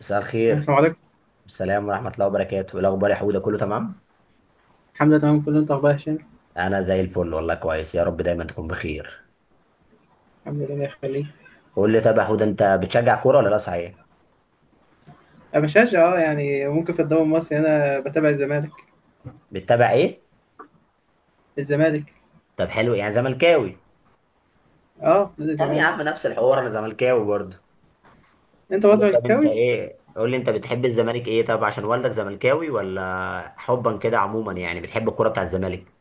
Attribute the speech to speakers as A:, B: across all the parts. A: مساء الخير.
B: السلام عليكم.
A: السلام ورحمة الله وبركاته، إيه الأخبار يا حودة، كله تمام؟
B: الحمد لله، تمام كله. انت، اخبار يا هشام؟
A: أنا زي الفل والله، كويس يا رب دايما تكون بخير.
B: الحمد لله، الله يخليك.
A: قول لي طب يا حودة، أنت بتشجع كورة ولا لا صحيح؟
B: انا بشجع، يعني ممكن، في الدوري المصري انا بتابع الزمالك
A: بتتابع إيه؟
B: الزمالك
A: طب حلو، يعني زملكاوي.
B: اه، نادي
A: طب يا
B: الزمالك.
A: عم نفس الحوار، أنا زملكاوي برضه.
B: انت
A: قول
B: برضه
A: لي طب أنت
B: زملكاوي.
A: إيه؟ قول لي أنت بتحب الزمالك إيه، طب عشان والدك زملكاوي ولا حبا كده، عموما يعني بتحب الكورة بتاع الزمالك؟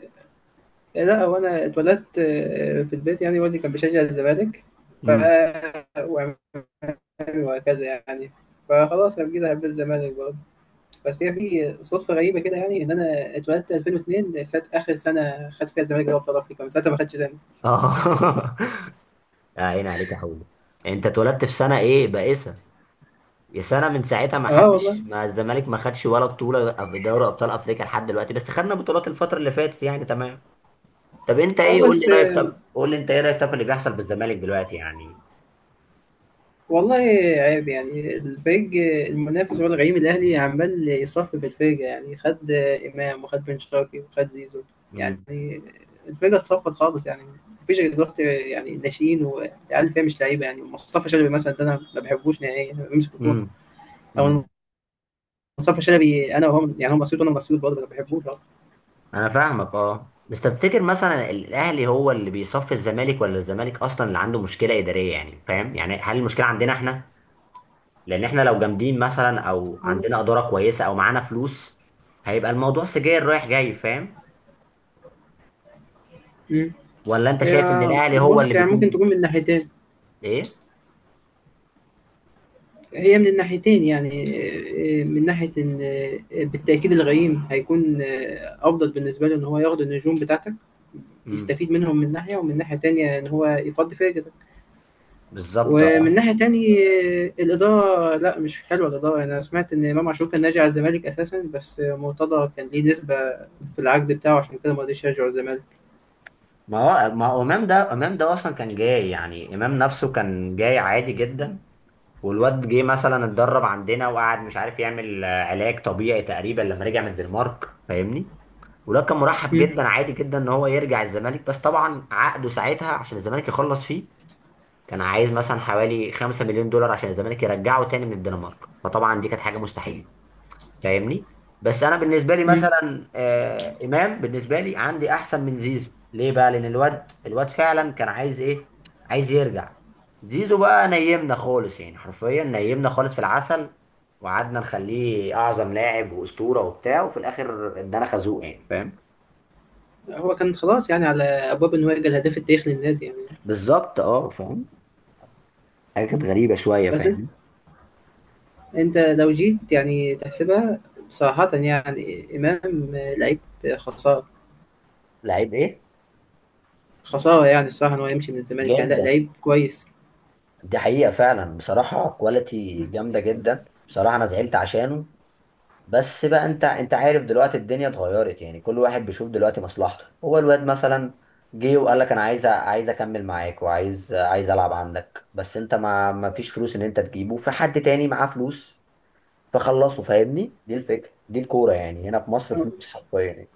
B: إيه، لا، هو انا اتولدت، في البيت، يعني والدي كان بيشجع الزمالك. ف
A: امم
B: وعمامي، وهكذا يعني. فخلاص، انا كده حبيت الزمالك برضه. بس هي في صدفه غريبه كده، يعني ان انا اتولدت 2002، ساعه اخر سنه خدت فيها الزمالك دوري ابطال افريقيا. من ساعتها ما خدتش تاني.
A: آه. عين عليك يا حودة. أنت اتولدت في سنة إيه بائسة، يا سنة من ساعتها ما
B: اه والله.
A: حدش، ما الزمالك ما خدش ولا بطولة في دوري أبطال أفريقيا لحد دلوقتي، بس خدنا بطولات الفترة اللي فاتت يعني، تمام. طب أنت
B: اه،
A: إيه، قول لي
B: بس
A: رأيك، طب قول لي أنت إيه رأيك طب في اللي بيحصل بالزمالك دلوقتي يعني.
B: والله، عيب يعني. الفريق المنافس هو الغريم الأهلي، عمال يصفي في الفرقة. يعني خد إمام، وخد بن شرقي، وخد زيزو. يعني
A: امم
B: الفرقة اتصفت خالص يعني. مفيش غير دلوقتي يعني ناشئين والعيال، فيها مش لعيبة. يعني مصطفى شلبي مثلا ده أنا ما بحبوش نهائيا، بيمسك الكورة.
A: امم
B: أو
A: امم
B: مصطفى شلبي، أنا وهو يعني هو مسيوط وأنا مسيوط برضه، ما بحبوش
A: أنا فاهمك، أه بس تفتكر مثلا الأهلي هو اللي بيصفي الزمالك ولا الزمالك أصلا اللي عنده مشكلة إدارية؟ يعني فاهم، يعني هل المشكلة عندنا إحنا؟ لأن إحنا لو جامدين مثلا أو
B: خالص.
A: عندنا إدارة كويسة أو معانا فلوس، هيبقى الموضوع سجاير رايح جاي، فاهم؟
B: مم.
A: ولا انت شايف ان
B: هي
A: الاهلي هو اللي
B: بص يعني، ممكن
A: بيكون؟
B: تكون من ناحيتين.
A: ايه.
B: هي من الناحيتين يعني، من ناحية إن، بالتأكيد الغيم هيكون أفضل بالنسبة له، إن هو ياخد النجوم بتاعتك،
A: امم.
B: يستفيد منهم، من ناحية. ومن ناحية تانية، إن هو يفضي فاجتك.
A: بالظبط،
B: ومن
A: اه.
B: ناحية تانية، الإدارة، لا، مش حلوة الإدارة. أنا سمعت إن إمام عاشور كان ناجي على الزمالك أساسا، بس مرتضى كان ليه نسبة في العقد بتاعه، عشان كده ما رضيش يرجع الزمالك.
A: ما ما هو امام ده اصلا كان جاي، يعني امام نفسه كان جاي عادي جدا. والواد جه مثلا اتدرب عندنا وقعد مش عارف يعمل علاج طبيعي تقريبا، لما رجع من الدنمارك فاهمني. والواد كان مرحب
B: مم.
A: جدا عادي جدا ان هو يرجع الزمالك، بس طبعا عقده ساعتها عشان الزمالك يخلص فيه، كان عايز مثلا حوالي 5 مليون دولار عشان الزمالك يرجعه تاني من الدنمارك، فطبعا دي كانت حاجة مستحيلة، فاهمني. بس انا بالنسبه لي
B: مم.
A: مثلا امام بالنسبه لي عندي احسن من زيزو. ليه بقى؟ لان الواد فعلا كان عايز ايه، عايز يرجع. زيزو بقى نيمنا خالص، يعني حرفيا نيمنا خالص في العسل، وقعدنا نخليه اعظم لاعب واسطوره وبتاع، وفي الاخر ادانا خازوق يعني فاهم.
B: هو كان خلاص يعني، على أبواب إن هو يجي الهداف التاريخي للنادي يعني.
A: بالظبط، اه فاهم. حاجه كانت
B: مم.
A: غريبه شويه
B: بس
A: فاهم.
B: انت لو جيت يعني تحسبها، صراحة يعني، امام لعيب. خسارة.
A: لعيب ايه؟
B: خسارة يعني، الصراحة ان هو يمشي من الزمالك، يعني لا،
A: جدا.
B: لعيب كويس.
A: دي حقيقه فعلا بصراحه، كواليتي جامده جدا بصراحه، انا زعلت عشانه. بس بقى انت عارف دلوقتي الدنيا اتغيرت، يعني كل واحد بيشوف دلوقتي مصلحته. هو الواد مثلا جه وقال لك انا عايز عايز اكمل معاك، وعايز العب عندك، بس انت ما فيش فلوس ان انت تجيبه، في حد تاني معاه فلوس فخلصه، فاهمني. دي الفكره، دي الكوره يعني هنا في مصر فلوس حرفيا يعني.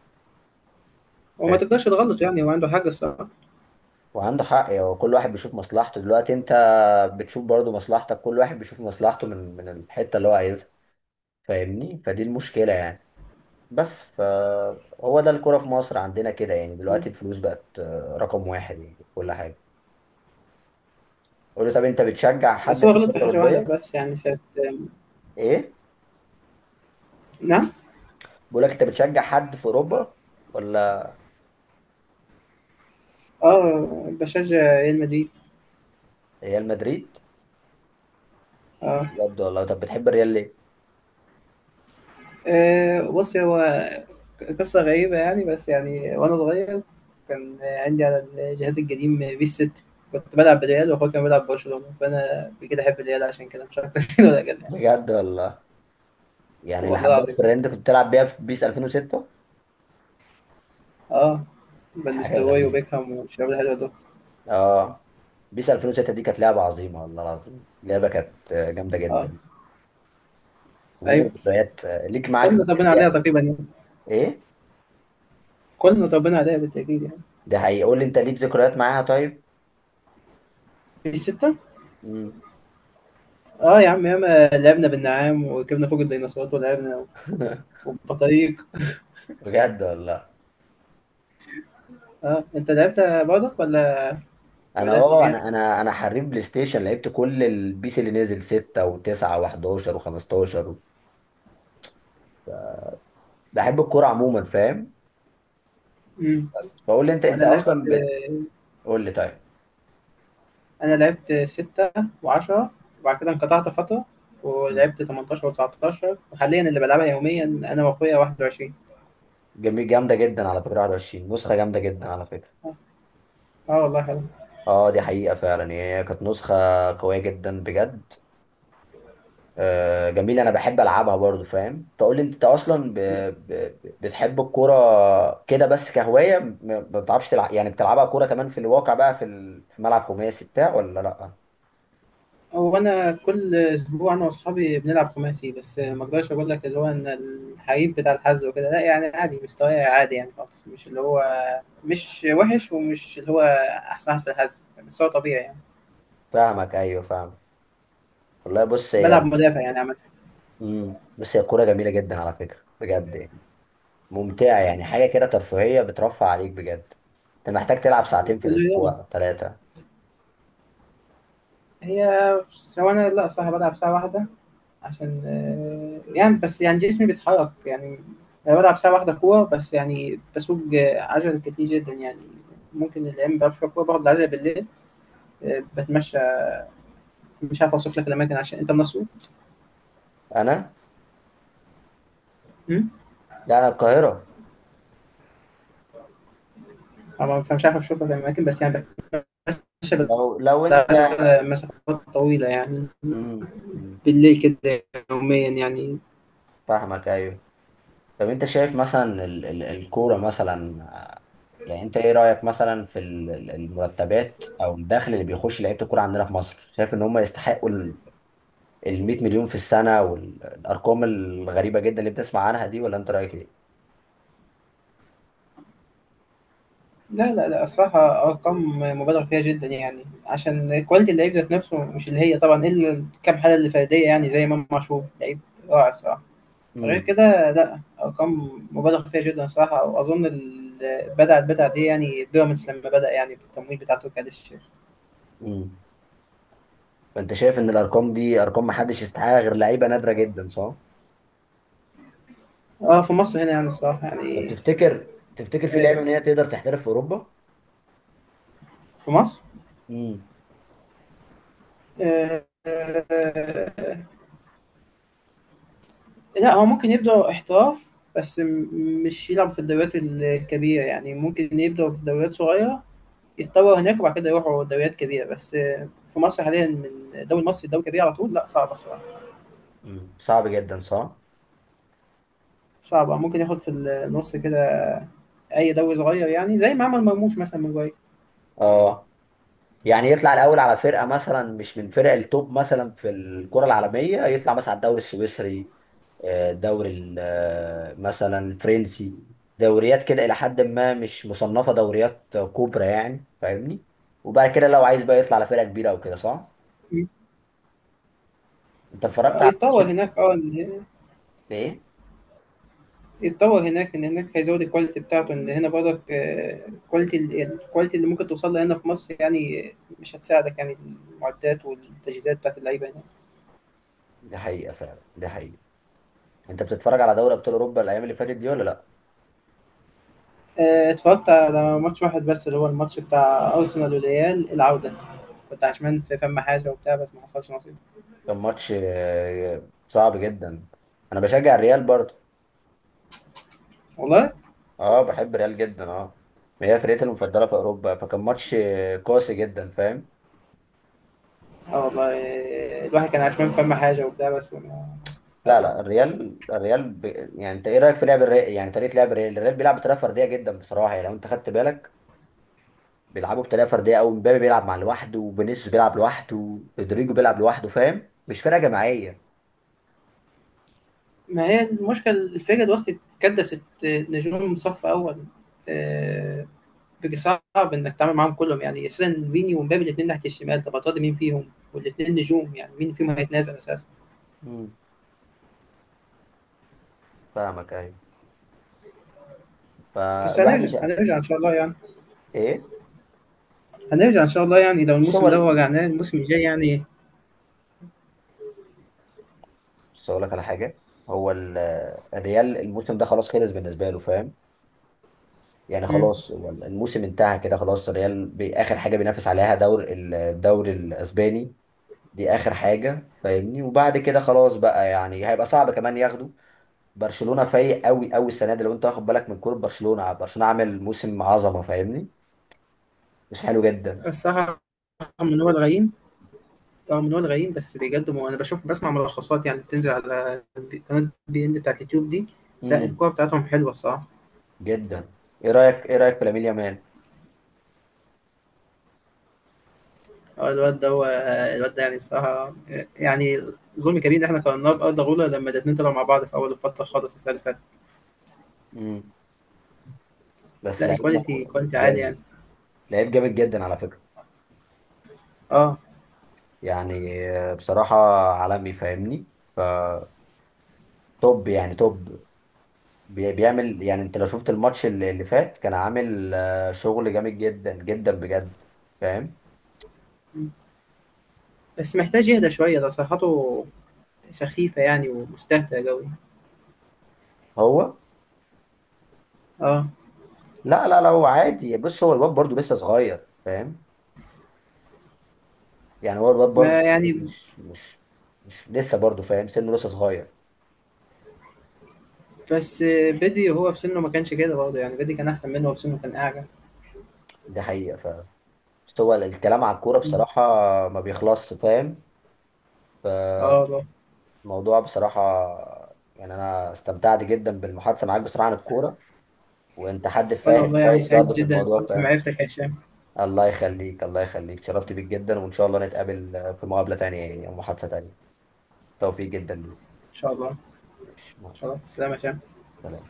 B: وما
A: فاهم؟
B: تقدرش تغلط، يعني هو عنده حاجة الصراحة.
A: وعنده حق يعني كل واحد بيشوف مصلحته دلوقتي. انت بتشوف برضو مصلحتك، كل واحد بيشوف مصلحته من الحته اللي هو عايزها، فاهمني. فدي المشكله يعني. بس فهو ده الكرة في مصر عندنا كده يعني، دلوقتي الفلوس بقت رقم واحد يعني في كل حاجة. قول لي طب انت بتشجع حد
B: بس هو
A: في
B: غلط
A: الكرة
B: في حاجة واحدة
A: الأوروبية؟
B: بس، يعني ساعة.
A: ايه؟
B: نعم.
A: بقول لك انت بتشجع حد في أوروبا ولا؟
B: اه، بشجع ريال مدريد.
A: ريال مدريد؟
B: اه.
A: بجد والله، طب بتحب الريال ليه؟
B: بص هو، قصة غريبة يعني، بس يعني وانا صغير، كان عندي على الجهاز القديم بيس 6. كنت بلعب بالريال، واخويا كان بيلعب برشلونة، فانا كده احب الريال عشان كده، مش اكتر. كده ولا كده.
A: بجد والله، يعني اللي
B: والله
A: حبيت في
B: العظيم.
A: الريال انت كنت بتلعب بيها في بيس 2006؟
B: اه. فان
A: حاجة
B: نيستلروي
A: غريبة،
B: وبيكهام والشباب الحلوة دول.
A: اه. بيس 2006 دي كانت لعبة عظيمة، والله العظيم لعبة كانت جامدة
B: اه،
A: جدا. ولينا
B: ايوه.
A: ذكريات، ليك معاك
B: كلنا طبقنا عليها
A: ذكريات.
B: تقريبا يعني.
A: ايه؟
B: كلنا طبقنا عليها بالتأكيد يعني.
A: ده حقيقي، قول لي انت ليك ذكريات معاها طيب؟
B: في 6. اه يا عم، ياما لعبنا بالنعام، وجبنا فوق الديناصورات، ولعبنا، وبطريق.
A: بجد والله.
B: اه، انت لعبت برضك، ولا ما
A: انا
B: بدأتش
A: اه
B: بيها؟
A: انا انا انا حريف بلاي ستيشن، لعبت كل البيس اللي نزل 6 و9 و11 و15 و... بحب الكوره عموما، فاهم.
B: امم.
A: بس بقول لي انت
B: انا لعبت
A: اصلا بتقول لي طيب
B: انا لعبت 6 وعشرة، وبعد كده انقطعت فترة، ولعبت 18 و19، وحاليا اللي بلعبها يوميا انا واخويا 21.
A: جميل، جامده جدا على فكره 21، نسخه جامده جدا على فكره.
B: اه. آه والله، حلو.
A: اه دي حقيقه فعلا يعني، هي كانت نسخه قويه جدا بجد. جميل، انا بحب العبها برضو فاهم. فقول لي انت اصلا بتحب الكوره كده بس كهوايه، ما بتعرفش تلعب؟ يعني بتلعبها كوره كمان في الواقع بقى في في ملعب خماسي بتاع ولا لا؟
B: هو انا كل اسبوع، انا واصحابي بنلعب خماسي. بس ما اقدرش اقول لك اللي هو، ان الحقيقي بتاع الحظ وكده، لا يعني. عادي، مستواي عادي يعني خالص، مش اللي هو مش وحش، ومش اللي هو احسن واحد في الحظ، بس هو طبيعي يعني.
A: فاهمك، ايوه فاهم. والله بص هي
B: بلعب مدافع يعني عامة.
A: بص هي الكوره جميله جدا على فكره بجد يعني، ممتعه يعني، حاجه كده ترفيهيه بترفع عليك بجد. انت محتاج تلعب ساعتين في
B: الرياضة،
A: الاسبوع، ثلاثه.
B: هي سواء، انا لا، صح، بلعب ساعة واحدة، عشان يعني، بس يعني جسمي بيتحرك يعني. انا بلعب ساعة واحدة كورة بس، يعني بسوق عجل كتير جدا يعني. ممكن الايام ما بلعبش كورة، باخد العجلة بالليل، بتمشى. مش عارف اوصف لك الاماكن، عشان انت من اسيوط.
A: انا
B: أمم؟
A: لا، انا القاهره.
B: طبعاً، فمش عارف اوصف لك الاماكن، بس يعني بتمشى
A: لو انت.
B: بالعجله مسافات طويله يعني،
A: مم. مم.
B: بالليل كده، يوميا يعني.
A: فاهمك ايوه. طب انت شايف مثلا الكورة مثلا يعني انت ايه رأيك مثلا في المرتبات او الدخل اللي بيخش لعيبة الكورة عندنا في مصر، شايف ان هم يستحقوا ال 100 مليون في السنة والارقام الغريبة جدا اللي بتسمع عنها دي، ولا انت رأيك ايه؟
B: لا، لا، لا، الصراحة أرقام مبالغ فيها جدا، يعني عشان كواليتي اللعيب ذات نفسه مش اللي هي، طبعا إلا الكام حالة اللي فردية، يعني زي إمام عاشور، لعيب رائع الصراحة. غير
A: امم.
B: كده، لا، أرقام مبالغ فيها جدا الصراحة. وأظن بدأت دي يعني، بيراميدز لما بدأ يعني بالتمويل بتاع تركي آل الشيخ.
A: امم. فانت شايف ان الارقام دي ارقام محدش يستحقها غير لعيبة نادرة جدا، صح؟
B: اه، في مصر هنا يعني، الصراحة
A: طب
B: يعني،
A: تفتكر، تفتكر في
B: آه،
A: لعيبة ان هي تقدر تحترف في اوروبا؟
B: في مصر،
A: امم.
B: آه، آه، لا، هو ممكن يبدأ احتراف، بس مش يلعب في الدوريات الكبيرة. يعني ممكن يبدأ في دوريات صغيرة، يتطور هناك، وبعد كده يروحوا دوريات كبيرة. بس في مصر حاليا، من دوري مصر لدوري كبير على طول، لا، صعبة الصراحة.
A: امم. صعب جدا، صح.
B: صعبة، ممكن ياخد في النص كده، أي دوري صغير يعني، زي ما عمل مرموش مثلا من جواي.
A: اه يعني يطلع الاول على فرقه مثلا مش من فرق التوب مثلا في الكره العالميه، يطلع مثلا على الدوري السويسري، الدوري مثلا الفرنسي. دوريات كده الى حد ما مش مصنفه دوريات كبرى يعني، فاهمني. وبعد كده لو عايز بقى يطلع على فرقه كبيره او كده، صح. انت اتفرجت على
B: يتطور
A: ماتش؟
B: هناك، اه.
A: ايه.
B: يتطور هناك، ان هناك هيزود الكواليتي بتاعته. ان هنا برضك، الكواليتي اللي ممكن توصل لها هنا في مصر يعني، مش هتساعدك يعني. المعدات والتجهيزات بتاعت اللعيبه هنا.
A: دي حقيقه فعلا، دي حقيقه. انت بتتفرج على دوري ابطال اوروبا الايام اللي فاتت دي ولا لا؟
B: اتفرجت على ماتش واحد بس، اللي هو الماتش بتاع ارسنال والريال، العوده. كنت عشمان في فم حاجه وبتاع، بس ما حصلش نصيب.
A: كان ماتش صعب جدا. انا بشجع الريال برضه
B: والله.
A: اه، بحب ريال جدا اه. هي فرقتي المفضله في اوروبا، فكان ماتش قاسي جدا فاهم.
B: اه والله، الواحد كان عشمان في فم حاجه وبتاع، بس ما...
A: لا
B: يلا.
A: لا، الريال الريال يعني انت ايه رايك في لعب الريال؟ يعني طريقه لعب الريال، الريال بيلعب بطريقه فرديه جدا بصراحه. يعني لو انت خدت بالك، بيلعبوا بطريقه فرديه قوي. مبابي بيلعب مع لوحده، وفينيسيوس بيلعب لوحده، رودريجو بيلعب لوحده، فاهم، مش فرقه جماعيه.
B: ما هي المشكله، الفرقه دلوقتي اتكدست نجوم صف اول. آه، صعب انك تتعامل معاهم كلهم، يعني اساسا فيني ومبابي الاثنين ناحيه الشمال، طب هتقعد مين فيهم؟ والاثنين نجوم، يعني مين فيهم هيتنازل اساسا؟
A: امم. فاهمك ايوه.
B: بس
A: فالواحد
B: هنرجع
A: مش،
B: هنرجع ان شاء الله يعني،
A: ايه.
B: هنرجع ان شاء الله، يعني لو
A: بص هو
B: الموسم ده وجعناه، الموسم الجاي يعني.
A: بص اقول لك على حاجه. هو الريال الموسم ده خلاص خلص بالنسبه له فاهم، يعني
B: مم.
A: خلاص هو الموسم انتهى كده خلاص. الريال اخر حاجه بينافس عليها دور الدوري الاسباني، دي اخر حاجه فاهمني. وبعد كده خلاص بقى يعني هيبقى صعب كمان ياخده. برشلونه فايق قوي قوي السنه دي، لو انت واخد بالك من كوره برشلونه، برشلونه عامل موسم عظمه فاهمني، مش حلو جدا.
B: الصراحه، رغم ان هو الغيم رغم ان هو الغيم بس بيقدم، وانا بشوف، بسمع ملخصات يعني، بتنزل على قناه بي ان بتاعت اليوتيوب دي. لا،
A: امم.
B: الكوره بتاعتهم حلوه الصراحه.
A: جدا. ايه رايك، ايه رايك في لامين يامال؟
B: اه، الواد ده يعني الصراحه، يعني ظلم كبير ان احنا قارناه بارض غولة لما الاثنين طلعوا مع بعض في اول الفتره خالص، السنه اللي فاتت.
A: امم. بس
B: لأ،
A: لعيب
B: الquality quality عالي يعني،
A: جامد، لعيب جامد جدا على فكره.
B: آه،
A: يعني بصراحه عالمي فاهمني. ف توب يعني، توب. بيعمل يعني انت لو شفت الماتش اللي فات، كان عامل شغل جامد جدا جدا بجد فاهم.
B: إمم، بس محتاج يهدى شوية، تصريحاته سخيفة يعني ومستهتر أوي،
A: هو
B: آه،
A: لا لا لا، هو عادي. بص هو الواد برضه لسه صغير فاهم، يعني هو الواد برضه
B: ما يعني.
A: مش لسه برضه فاهم سنه، لسه صغير.
B: بس بدري وهو في سنّه ما كانش كده برضه، يعني بدري كان أحسن منّه وهو في سنّه، كان أعجب.
A: دي حقيقة. ف بس هو الكلام على الكورة
B: إمم،
A: بصراحة ما بيخلصش فاهم.
B: آه والله.
A: فالموضوع بصراحة يعني، أنا استمتعت جدا بالمحادثة معاك بصراحة عن الكورة، وأنت حد
B: وأنا
A: فاهم
B: والله يعني
A: كويس
B: سعيد
A: برضه في
B: جدًا
A: الموضوع فاهم.
B: بمعرفتك يا هشام.
A: الله يخليك، الله يخليك، شرفت بيك جدا. وإن شاء الله نتقابل في مقابلة تانية يعني، أو محادثة تانية. توفيق جدا ليك.
B: إن شاء الله. إن
A: ماشي، مع
B: شاء الله، تسلم يا هشام.
A: السلامة.